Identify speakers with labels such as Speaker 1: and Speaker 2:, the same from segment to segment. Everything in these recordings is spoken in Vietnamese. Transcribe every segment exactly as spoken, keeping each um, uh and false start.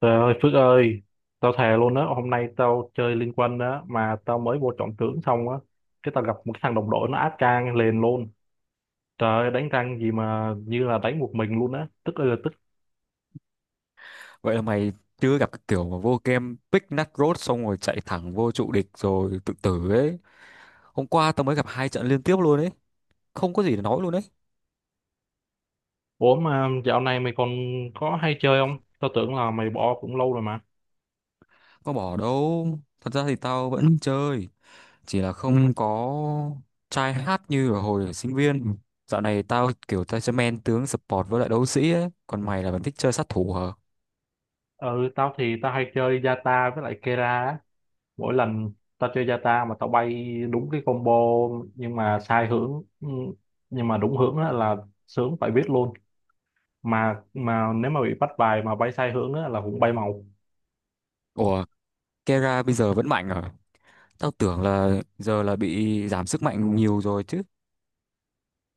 Speaker 1: Trời ơi Phước ơi, tao thề luôn á, hôm nay tao chơi Liên Quân á, mà tao mới vô chọn tướng xong á, cái tao gặp một cái thằng đồng đội nó áp trang liền luôn. Trời ơi, đánh răng gì mà như là đánh một mình luôn á, tức ơi là tức.
Speaker 2: Vậy là mày chưa gặp cái kiểu mà vô game pick nut road xong rồi chạy thẳng vô trụ địch rồi tự tử ấy. Hôm qua tao mới gặp hai trận liên tiếp luôn ấy. Không có gì để nói luôn ấy.
Speaker 1: Ủa mà dạo này mày còn có hay chơi không? Tao tưởng là mày bỏ cũng lâu rồi mà.
Speaker 2: Có bỏ đâu. Thật ra thì tao vẫn chơi. Chỉ là không có try hard như ở hồi ở sinh viên. Dạo này tao kiểu tao sẽ men tướng support với lại đấu sĩ ấy. Còn mày là vẫn thích chơi sát thủ hả?
Speaker 1: Ừ, tao thì tao hay chơi Yata với lại Kera á. Mỗi lần tao chơi Yata mà tao bay đúng cái combo nhưng mà sai hướng, ừ, nhưng mà đúng hướng á là sướng phải biết luôn. mà mà nếu mà bị bắt bài mà bay sai hướng á, là cũng bay màu.
Speaker 2: Ủa, Kera bây giờ vẫn mạnh hả? Tao tưởng là giờ là bị giảm sức mạnh nhiều rồi chứ.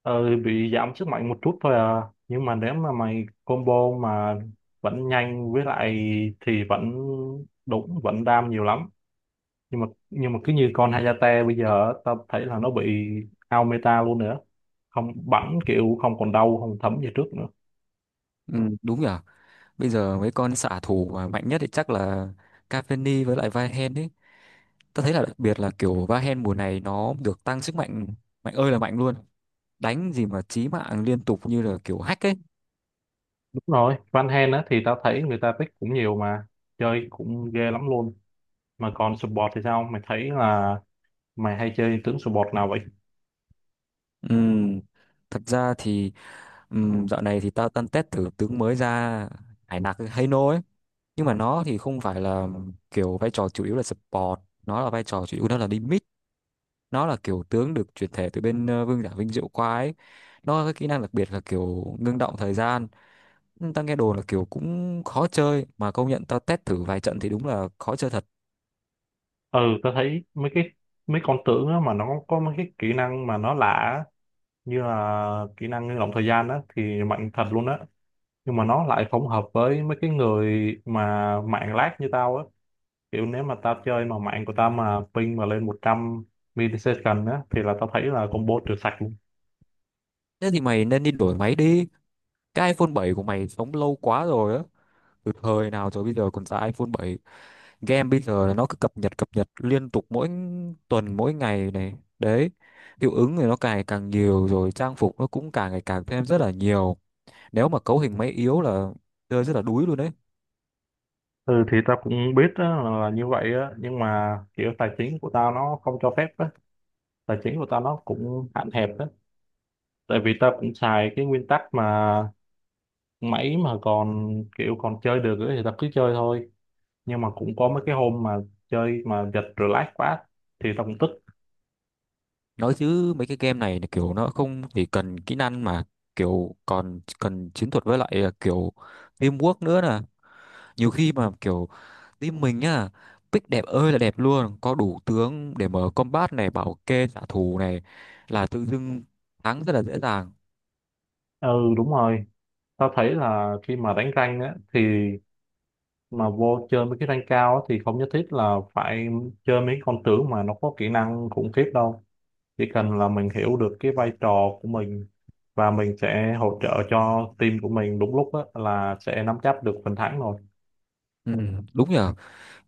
Speaker 1: ờ, bị giảm sức mạnh một chút thôi à, nhưng mà nếu mà mày combo mà vẫn nhanh với lại thì vẫn đúng, vẫn đam nhiều lắm. Nhưng mà nhưng mà cứ như con Hayate bây giờ á, tao thấy là nó bị out meta luôn nữa, không bắn kiểu không còn đau không thấm như trước nữa.
Speaker 2: Ừ, đúng nhỉ? Bây giờ mấy con xạ thủ mà mạnh nhất thì chắc là Cavani với lại vahen ấy. Tôi thấy là đặc biệt là kiểu vahen mùa này nó được tăng sức mạnh, mạnh ơi là mạnh luôn. Đánh gì mà chí mạng liên tục như là kiểu hack ấy.
Speaker 1: Đúng rồi, Van Hen á thì tao thấy người ta pick cũng nhiều mà chơi cũng ghê lắm luôn. Mà còn support thì sao, mày thấy là mày hay chơi tướng support nào vậy?
Speaker 2: Ừm, Thật ra thì, ừm, dạo này thì tao tân test thử tướng mới ra Hải Nặc Hano ấy. Nhưng mà nó thì không phải là kiểu vai trò chủ yếu là support, nó là vai trò chủ yếu nó là đi mid, nó là kiểu tướng được chuyển thể từ bên ờ, Vương giả Vinh Diệu qua ấy. Nó có cái kỹ năng đặc biệt là kiểu ngưng động thời gian, tao nghe đồn là kiểu cũng khó chơi, mà công nhận tao test thử vài trận thì đúng là khó chơi thật.
Speaker 1: Ừ, tao thấy mấy cái mấy con tướng á mà nó có mấy cái kỹ năng mà nó lạ á, như là kỹ năng ngưng động thời gian á thì mạnh thật luôn á, nhưng mà nó lại không hợp với mấy cái người mà mạng lag như tao á. Kiểu nếu mà tao chơi mà mạng của tao mà ping mà lên một trăm millisecond á thì là tao thấy là combo trừ sạch luôn.
Speaker 2: Thế thì mày nên đi đổi máy đi, cái iPhone bảy của mày sống lâu quá rồi á, từ thời nào rồi bây giờ còn ra iPhone bảy. Game bây giờ là nó cứ cập nhật cập nhật liên tục mỗi tuần mỗi ngày này đấy, hiệu ứng thì nó càng càng nhiều rồi, trang phục nó cũng càng ngày càng thêm rất là nhiều. Nếu mà cấu hình máy yếu là chơi rất là đuối luôn đấy.
Speaker 1: Ừ thì tao cũng biết á, là, là như vậy á, nhưng mà kiểu tài chính của tao nó không cho phép á, tài chính của tao nó cũng hạn hẹp á. Tại vì tao cũng xài cái nguyên tắc mà mấy mà còn kiểu còn chơi được ấy thì tao cứ chơi thôi. Nhưng mà cũng có mấy cái hôm mà chơi mà giật relax quá thì tao cũng tức.
Speaker 2: Nói chứ mấy cái game này là kiểu nó không chỉ cần kỹ năng mà kiểu còn cần chiến thuật với lại à, kiểu teamwork nữa nè. Nhiều khi mà kiểu team mình nhá pick đẹp ơi là đẹp luôn, có đủ tướng để mở combat này, bảo kê trả thù này, là tự dưng thắng rất là dễ dàng.
Speaker 1: Ừ đúng rồi, tao thấy là khi mà đánh rank á thì mà vô chơi mấy cái rank cao á, thì không nhất thiết là phải chơi mấy con tướng mà nó có kỹ năng khủng khiếp đâu. Chỉ cần là mình hiểu được cái vai trò của mình và mình sẽ hỗ trợ cho team của mình đúng lúc á là sẽ nắm chắc được phần thắng rồi.
Speaker 2: Ừ, đúng nhỉ.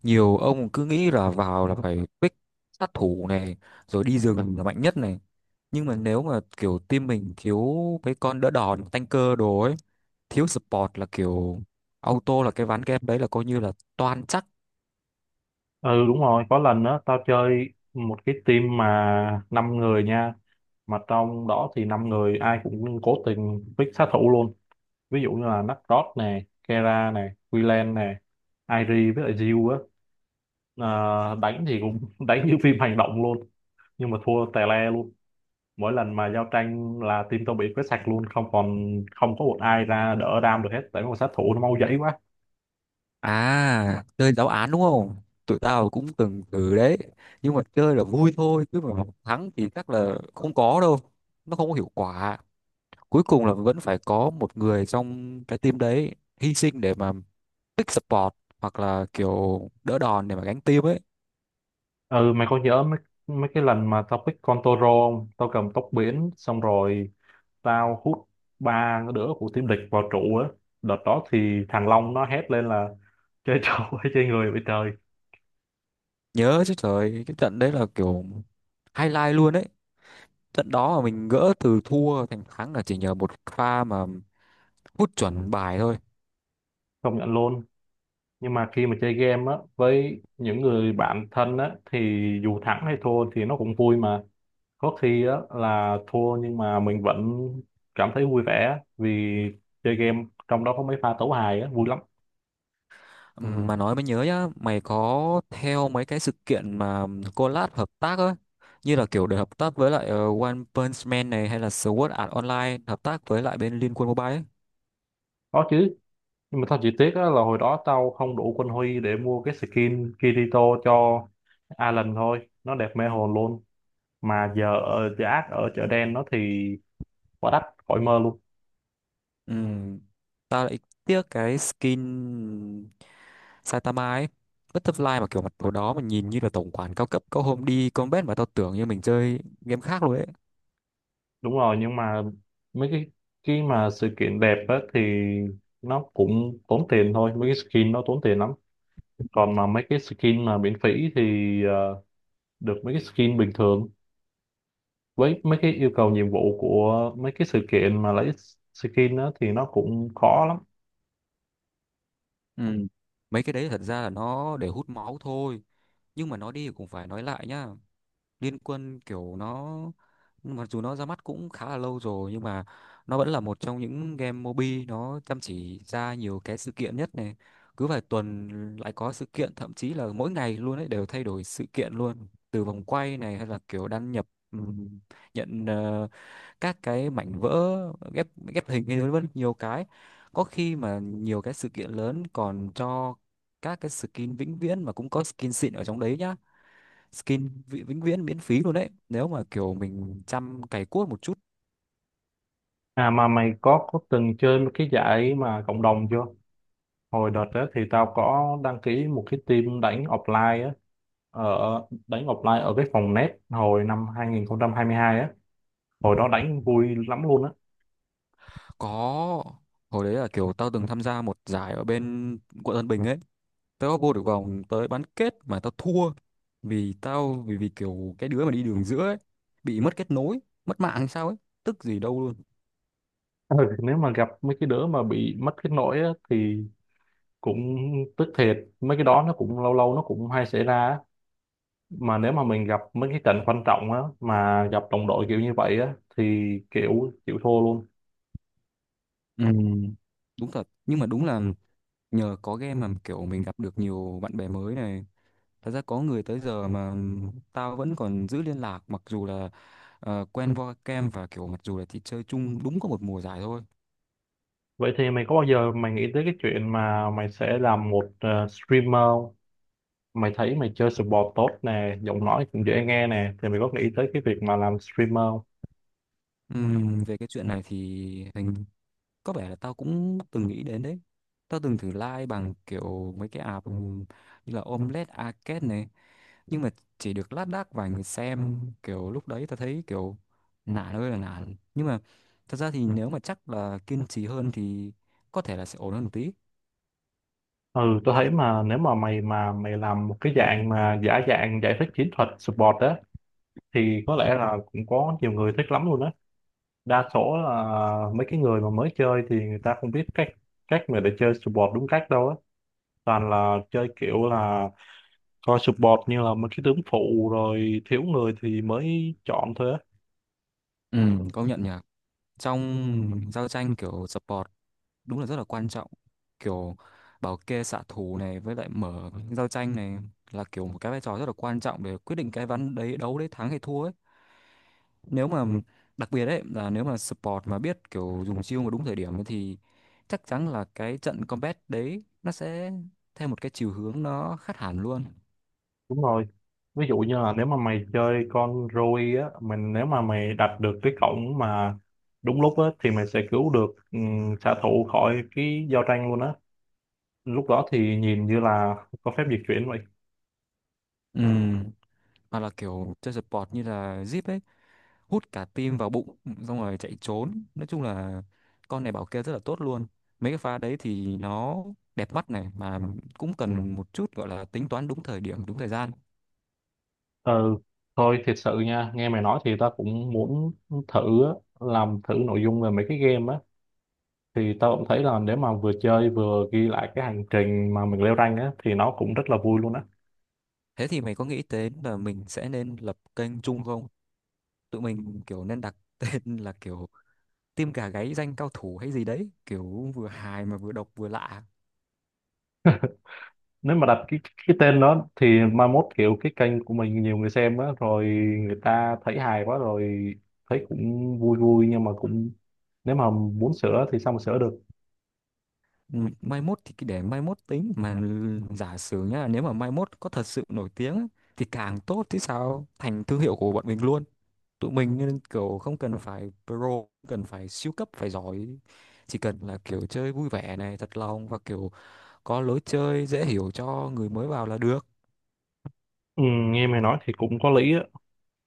Speaker 2: Nhiều ông cứ nghĩ là vào là phải pick sát thủ này, rồi đi rừng là mạnh nhất này, nhưng mà nếu mà kiểu team mình thiếu cái con đỡ đòn tanker đồ ấy, thiếu support là kiểu auto là cái ván game đấy là coi như là toan chắc.
Speaker 1: Ừ đúng rồi, có lần đó tao chơi một cái team mà năm người nha, mà trong đó thì năm người ai cũng cố tình pick sát thủ luôn. Ví dụ như là Nakrod nè, Kera nè, Willian nè, Airi với lại Jill á, Ờ, đánh thì cũng đánh như phim hành động luôn, nhưng mà thua tè le luôn. Mỗi lần mà giao tranh là team tao bị quét sạch luôn, không còn không có một ai ra đỡ đam được hết, tại mấy con sát thủ nó mau dãy quá.
Speaker 2: À, chơi giáo án đúng không, tụi tao cũng từng thử đấy, nhưng mà chơi là vui thôi chứ mà thắng thì chắc là không có đâu, nó không có hiệu quả. Cuối cùng là vẫn phải có một người trong cái team đấy hy sinh để mà pick support hoặc là kiểu đỡ đòn để mà gánh team ấy.
Speaker 1: Ừ mày có nhớ mấy mấy cái lần mà tao pick con Toro không? Tao cầm tóc biển xong rồi tao hút ba đứa của team địch vào trụ á. Đợt đó thì thằng Long nó hét lên là chơi trâu hay chơi người vậy trời.
Speaker 2: Nhớ chứ, trời, cái trận đấy là kiểu highlight luôn ấy, trận đó mà mình gỡ từ thua thành thắng là chỉ nhờ một pha mà hút chuẩn bài thôi.
Speaker 1: Công nhận luôn, nhưng mà khi mà chơi game á với những người bạn thân á thì dù thắng hay thua thì nó cũng vui mà. Có khi á là thua nhưng mà mình vẫn cảm thấy vui vẻ á, vì chơi game trong đó có mấy pha tấu hài á vui lắm.
Speaker 2: Ừm, mà nói mới nhớ nhá, mày có theo mấy cái sự kiện mà collab hợp tác ấy, như là kiểu để hợp tác với lại ờ, One Punch Man này hay là Sword Art Online hợp tác với lại bên Liên Quân Mobile ấy.
Speaker 1: Có chứ, nhưng mà tao chỉ tiếc á là hồi đó tao không đủ quân huy để mua cái skin Kirito cho Alan thôi, nó đẹp mê hồn luôn. Mà giờ ở giá ác ở chợ đen nó thì quá đắt, khỏi mơ luôn.
Speaker 2: Ừm, Tao lại tiếc cái skin Saitama ấy, Butterfly, mà kiểu mặt đồ đó mà nhìn như là tổng quản cao cấp, có hôm đi combat mà tao tưởng như mình chơi game khác luôn ấy.
Speaker 1: Đúng rồi, nhưng mà mấy cái cái mà sự kiện đẹp á thì nó cũng tốn tiền thôi, mấy cái skin nó tốn tiền lắm. Còn mà mấy cái skin mà miễn phí thì ờ, được mấy cái skin bình thường, với mấy cái yêu cầu nhiệm vụ của mấy cái sự kiện mà lấy skin á thì nó cũng khó lắm.
Speaker 2: Ừ, mấy cái đấy thật ra là nó để hút máu thôi, nhưng mà nó đi thì cũng phải nói lại nhá. Liên Quân kiểu nó mặc dù nó ra mắt cũng khá là lâu rồi nhưng mà nó vẫn là một trong những game mobi nó chăm chỉ ra nhiều cái sự kiện nhất này. Cứ vài tuần lại có sự kiện, thậm chí là mỗi ngày luôn ấy, đều thay đổi sự kiện luôn, từ vòng quay này hay là kiểu đăng nhập, ừm, nhận, ờ, các cái mảnh vỡ, ghép ghép hình hay vân vân nhiều cái. Có khi mà nhiều cái sự kiện lớn còn cho các cái skin vĩnh viễn mà cũng có skin xịn ở trong đấy nhá, skin vi- vĩnh viễn miễn phí luôn đấy, nếu mà kiểu mình chăm cày cuốc một chút.
Speaker 1: À mà mày có có từng chơi một cái giải mà cộng đồng chưa? Hồi đợt đó thì tao có đăng ký một cái team đánh offline á, ở đánh offline ở cái phòng net hồi năm hai hai nghìn không trăm hai mươi hai á, hồi đó đánh vui lắm luôn á.
Speaker 2: Có, hồi đấy là kiểu tao từng tham gia một giải ở bên quận Tân Bình ấy. Tao có vô được vòng tới bán kết mà tao thua vì tao, vì vì kiểu cái đứa mà đi đường giữa ấy bị mất kết nối, mất mạng hay sao ấy, tức gì đâu luôn.
Speaker 1: Ừ. Nếu mà gặp mấy cái đứa mà bị mất kết nối á, thì cũng tức thiệt, mấy cái đó nó cũng lâu lâu nó cũng hay xảy ra á. Mà nếu mà mình gặp mấy cái trận quan trọng á mà gặp đồng đội kiểu như vậy á thì kiểu chịu thua luôn.
Speaker 2: Ừ, đúng thật, nhưng mà đúng là nhờ có game mà kiểu mình gặp được nhiều bạn bè mới này. Thật ra có người tới giờ mà tao vẫn còn giữ liên lạc, mặc dù là ờ, quen qua kem và kiểu mặc dù là chỉ chơi chung đúng có một mùa giải thôi.
Speaker 1: Vậy thì mày có bao giờ mày nghĩ tới cái chuyện mà mày sẽ làm một ờ, streamer không? Mày thấy mày chơi sport tốt nè, giọng nói cũng dễ nghe nè, thì mày có nghĩ tới cái việc mà làm streamer?
Speaker 2: Ừm, về cái chuyện này thì hình, có vẻ là tao cũng từng nghĩ đến đấy. Tao từng thử like bằng kiểu mấy cái app như là Omelette Arcade này, nhưng mà chỉ được lác đác vài người xem, kiểu lúc đấy tao thấy kiểu nản ơi là nản, nhưng mà thật ra thì nếu mà chắc là kiên trì hơn thì có thể là sẽ ổn hơn một tí.
Speaker 1: Ừ, tôi thấy mà nếu mà mày mà mày làm một cái dạng mà giả dạng giải thích chiến thuật support á thì có lẽ là cũng có nhiều người thích lắm luôn á. Đa số là mấy cái người mà mới chơi thì người ta không biết cách cách mà để chơi support đúng cách đâu á. Toàn là chơi kiểu là coi support như là một cái tướng phụ rồi thiếu người thì mới chọn thôi á.
Speaker 2: Ừ, công nhận nhỉ, trong giao tranh kiểu support đúng là rất là quan trọng, kiểu bảo kê xạ thủ này với lại mở giao tranh này, là kiểu một cái vai trò rất là quan trọng để quyết định cái ván đấy đấu đấy thắng hay thua ấy. Nếu mà đặc biệt đấy là nếu mà support mà biết kiểu dùng chiêu mà đúng thời điểm ấy thì chắc chắn là cái trận combat đấy nó sẽ theo một cái chiều hướng nó khác hẳn luôn.
Speaker 1: Đúng rồi, ví dụ như là nếu mà mày chơi con Rui á, mình nếu mà mày đặt được cái cổng mà đúng lúc á thì mày sẽ cứu được um, xạ thủ khỏi cái giao tranh luôn á, lúc đó thì nhìn như là có phép dịch chuyển vậy.
Speaker 2: Ừ, mà là kiểu chơi support như là Zip ấy, hút cả tim vào bụng xong rồi chạy trốn, nói chung là con này bảo kê rất là tốt luôn, mấy cái pha đấy thì nó đẹp mắt này, mà cũng cần một chút gọi là tính toán đúng thời điểm đúng thời gian.
Speaker 1: Ừ thôi, thiệt sự nha, nghe mày nói thì tao cũng muốn thử á, làm thử nội dung về mấy cái game á, thì tao cũng thấy là nếu mà vừa chơi vừa ghi lại cái hành trình mà mình leo rank á thì nó cũng rất là vui luôn á.
Speaker 2: Thế thì mày có nghĩ đến là mình sẽ nên lập kênh chung không, tụi mình kiểu nên đặt tên là kiểu tim gà gáy danh cao thủ hay gì đấy, kiểu vừa hài mà vừa độc vừa lạ.
Speaker 1: Nếu mà đặt cái cái tên đó thì mai mốt kiểu cái kênh của mình nhiều người xem á rồi, người ta thấy hài quá rồi, thấy cũng vui vui, nhưng mà cũng nếu mà muốn sửa thì sao mà sửa được.
Speaker 2: Ừ, mai mốt thì cứ để mai mốt tính mà, giả sử nhá, nếu mà mai mốt có thật sự nổi tiếng á, thì càng tốt chứ sao, thành thương hiệu của bọn mình luôn. Tụi mình nên kiểu không cần phải pro, không cần phải siêu cấp phải giỏi, chỉ cần là kiểu chơi vui vẻ này, thật lòng và kiểu có lối chơi dễ hiểu cho người mới vào là được.
Speaker 1: Ừ, nghe mày nói thì cũng có lý á.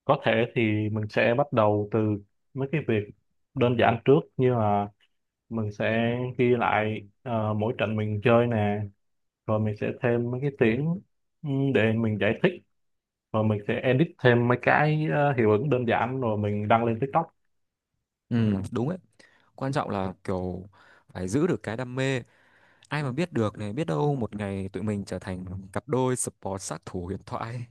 Speaker 1: Có thể thì mình sẽ bắt đầu từ mấy cái việc đơn giản trước, như là mình sẽ ghi lại ờ, mỗi trận mình chơi nè, rồi mình sẽ thêm mấy cái tiếng ừ, để mình giải thích, rồi mình sẽ edit thêm mấy cái ờ, hiệu ứng đơn giản rồi mình đăng lên TikTok.
Speaker 2: Ừ, đúng ấy, quan trọng là kiểu phải giữ được cái đam mê, ai mà biết được này, biết đâu một ngày tụi mình trở thành cặp đôi support sát thủ huyền thoại.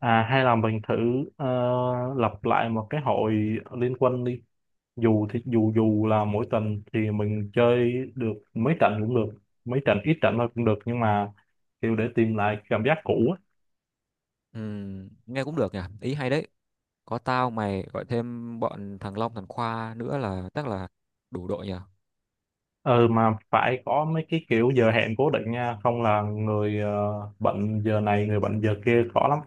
Speaker 1: À, hay là mình thử ờ, lập lại một cái hội liên quân đi. Dù thì dù dù là mỗi tuần thì mình chơi được mấy trận cũng được, mấy trận ít trận thôi cũng được, nhưng mà kiểu để tìm lại cảm giác cũ á.
Speaker 2: Ừ, nghe cũng được nhỉ, ý hay đấy, có tao mày gọi thêm bọn thằng Long thằng Khoa nữa là chắc là đủ đội nhỉ.
Speaker 1: Ừ mà phải có mấy cái kiểu giờ hẹn cố định nha, không là người ờ, bận giờ này người bận giờ kia khó lắm.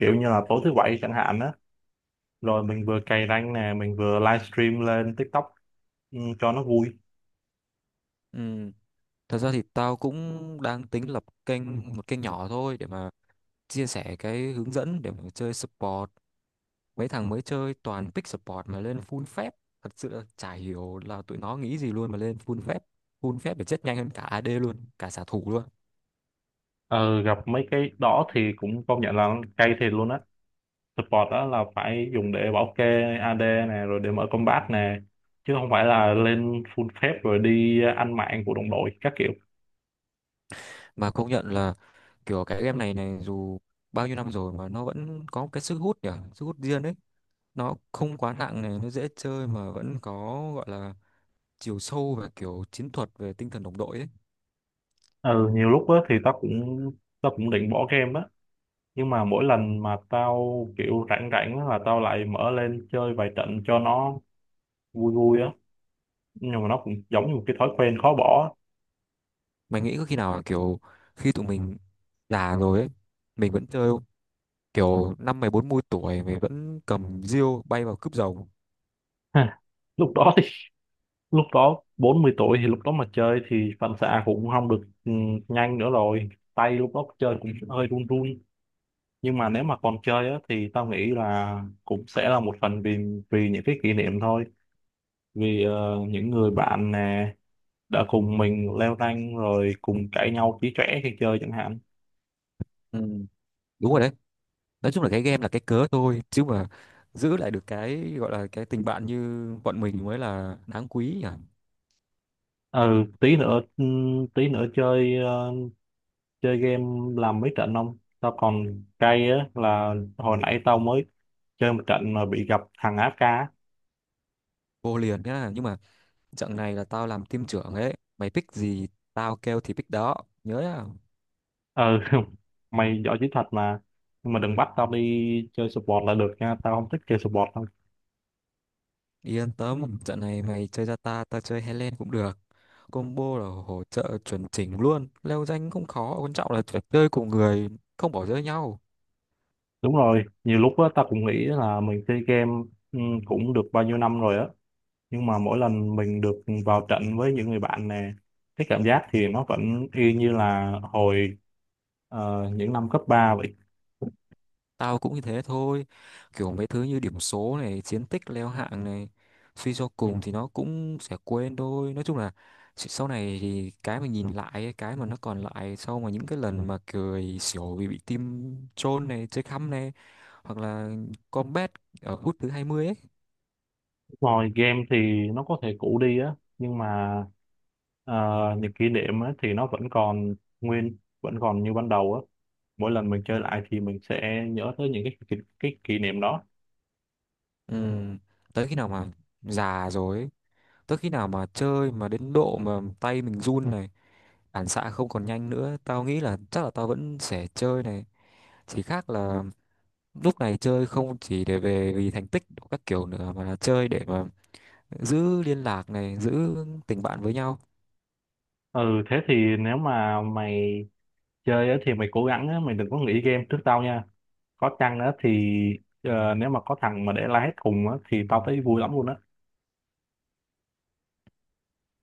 Speaker 1: Kiểu như là tối thứ bảy chẳng hạn á, rồi mình vừa cày rank nè, mình vừa livestream lên TikTok ừ, cho nó vui.
Speaker 2: Ừ, thật ra thì tao cũng đang tính lập kênh, một kênh nhỏ thôi, để mà chia sẻ cái hướng dẫn để mà chơi support. Mấy thằng mới chơi toàn pick support mà lên full phép. Thật sự là chả hiểu là tụi nó nghĩ gì luôn mà lên full phép. Full phép để chết nhanh hơn cả a đê luôn, cả xạ thủ luôn.
Speaker 1: Ừ gặp mấy cái đó thì cũng công nhận là cay thiệt luôn á. Support đó là phải dùng để bảo kê a đê này, rồi để mở combat nè, chứ không phải là lên full phép rồi đi ăn mạng của đồng đội các kiểu.
Speaker 2: Mà công nhận là kiểu cái game này này dù bao nhiêu năm rồi mà nó vẫn có cái sức hút nhỉ, sức hút riêng ấy. Nó không quá nặng này, nó dễ chơi mà vẫn có gọi là chiều sâu về kiểu chiến thuật, về tinh thần đồng đội ấy.
Speaker 1: Ừ nhiều lúc á thì tao cũng tao cũng định bỏ game á, nhưng mà mỗi lần mà tao kiểu rảnh rảnh á là tao lại mở lên chơi vài trận cho nó vui vui á, nhưng mà nó cũng giống như một cái thói quen khó bỏ á.
Speaker 2: Mày nghĩ có khi nào là kiểu khi tụi mình già rồi ấy mình vẫn chơi không? Kiểu năm mày bốn mươi tuổi mày vẫn cầm diêu bay vào cướp giàu.
Speaker 1: Ha, lúc đó thì lúc đó bốn mươi tuổi thì lúc đó mà chơi thì phản xạ cũng không được ừ, nhanh nữa rồi, tay lúc đó chơi cũng hơi run run. Nhưng mà nếu mà còn chơi á, thì tao nghĩ là cũng sẽ là một phần vì vì những cái kỷ niệm thôi, vì ờ, những người bạn nè đã cùng mình leo rank rồi cùng cãi nhau chí chóe khi chơi chẳng hạn.
Speaker 2: Ừ, đúng rồi đấy, nói chung là cái game là cái cớ thôi, chứ mà giữ lại được cái gọi là cái tình bạn như bọn mình mới là đáng quý nhỉ.
Speaker 1: Ừ tí nữa ừm, tí nữa chơi ờ, chơi game làm mấy trận không, tao còn cay á là hồi nãy tao mới chơi một trận mà bị gặp thằng a ép ca á.
Speaker 2: Vô liền nhá, nhưng mà trận này là tao làm team trưởng ấy, mày pick gì tao kêu thì pick đó, nhớ nhá.
Speaker 1: Ừ mày giỏi chiến thuật mà, nhưng mà đừng bắt tao đi chơi support là được nha, tao không thích chơi support đâu.
Speaker 2: Yên tâm, trận này mày chơi ra ta, tao chơi Helen cũng được, combo là hỗ trợ chuẩn chỉnh luôn, leo danh không khó, quan trọng là phải chơi cùng người không bỏ rơi nhau.
Speaker 1: Đúng rồi, nhiều lúc á, ta cũng nghĩ là mình chơi game ừ, cũng được bao nhiêu năm rồi á, nhưng mà mỗi lần mình được vào trận với những người bạn nè, cái cảm giác thì nó vẫn y như là hồi ờ, những năm cấp ba vậy.
Speaker 2: Tao cũng như thế thôi, kiểu mấy thứ như điểm số này, chiến tích leo hạng này, suy cho cùng thì nó cũng sẽ quên thôi. Nói chung là s- sau này thì cái mà nhìn lại ấy, cái mà nó còn lại sau mà những cái lần mà cười xỉu vì bị team troll này, chơi khăm này, hoặc là combat ở phút thứ hai mươi ấy.
Speaker 1: Rồi game thì nó có thể cũ đi á, nhưng mà ờ, những kỷ niệm á, thì nó vẫn còn nguyên, vẫn còn như ban đầu á. Mỗi lần mình chơi lại thì mình sẽ nhớ tới những cái kỷ, cái kỷ niệm đó.
Speaker 2: Ừ, tới khi nào mà già rồi, tới khi nào mà chơi mà đến độ mà tay mình run này, phản xạ không còn nhanh nữa, tao nghĩ là chắc là tao vẫn sẽ chơi này. Chỉ khác là lúc này chơi không chỉ để về vì thành tích của các kiểu nữa, mà là chơi để mà giữ liên lạc này, giữ tình bạn với nhau.
Speaker 1: Ừ, thế thì nếu mà mày chơi á thì mày cố gắng á, mày đừng có nghỉ game trước tao nha. Có chăng á thì ờ, nếu mà có thằng mà để la hét cùng á thì tao thấy vui lắm luôn á.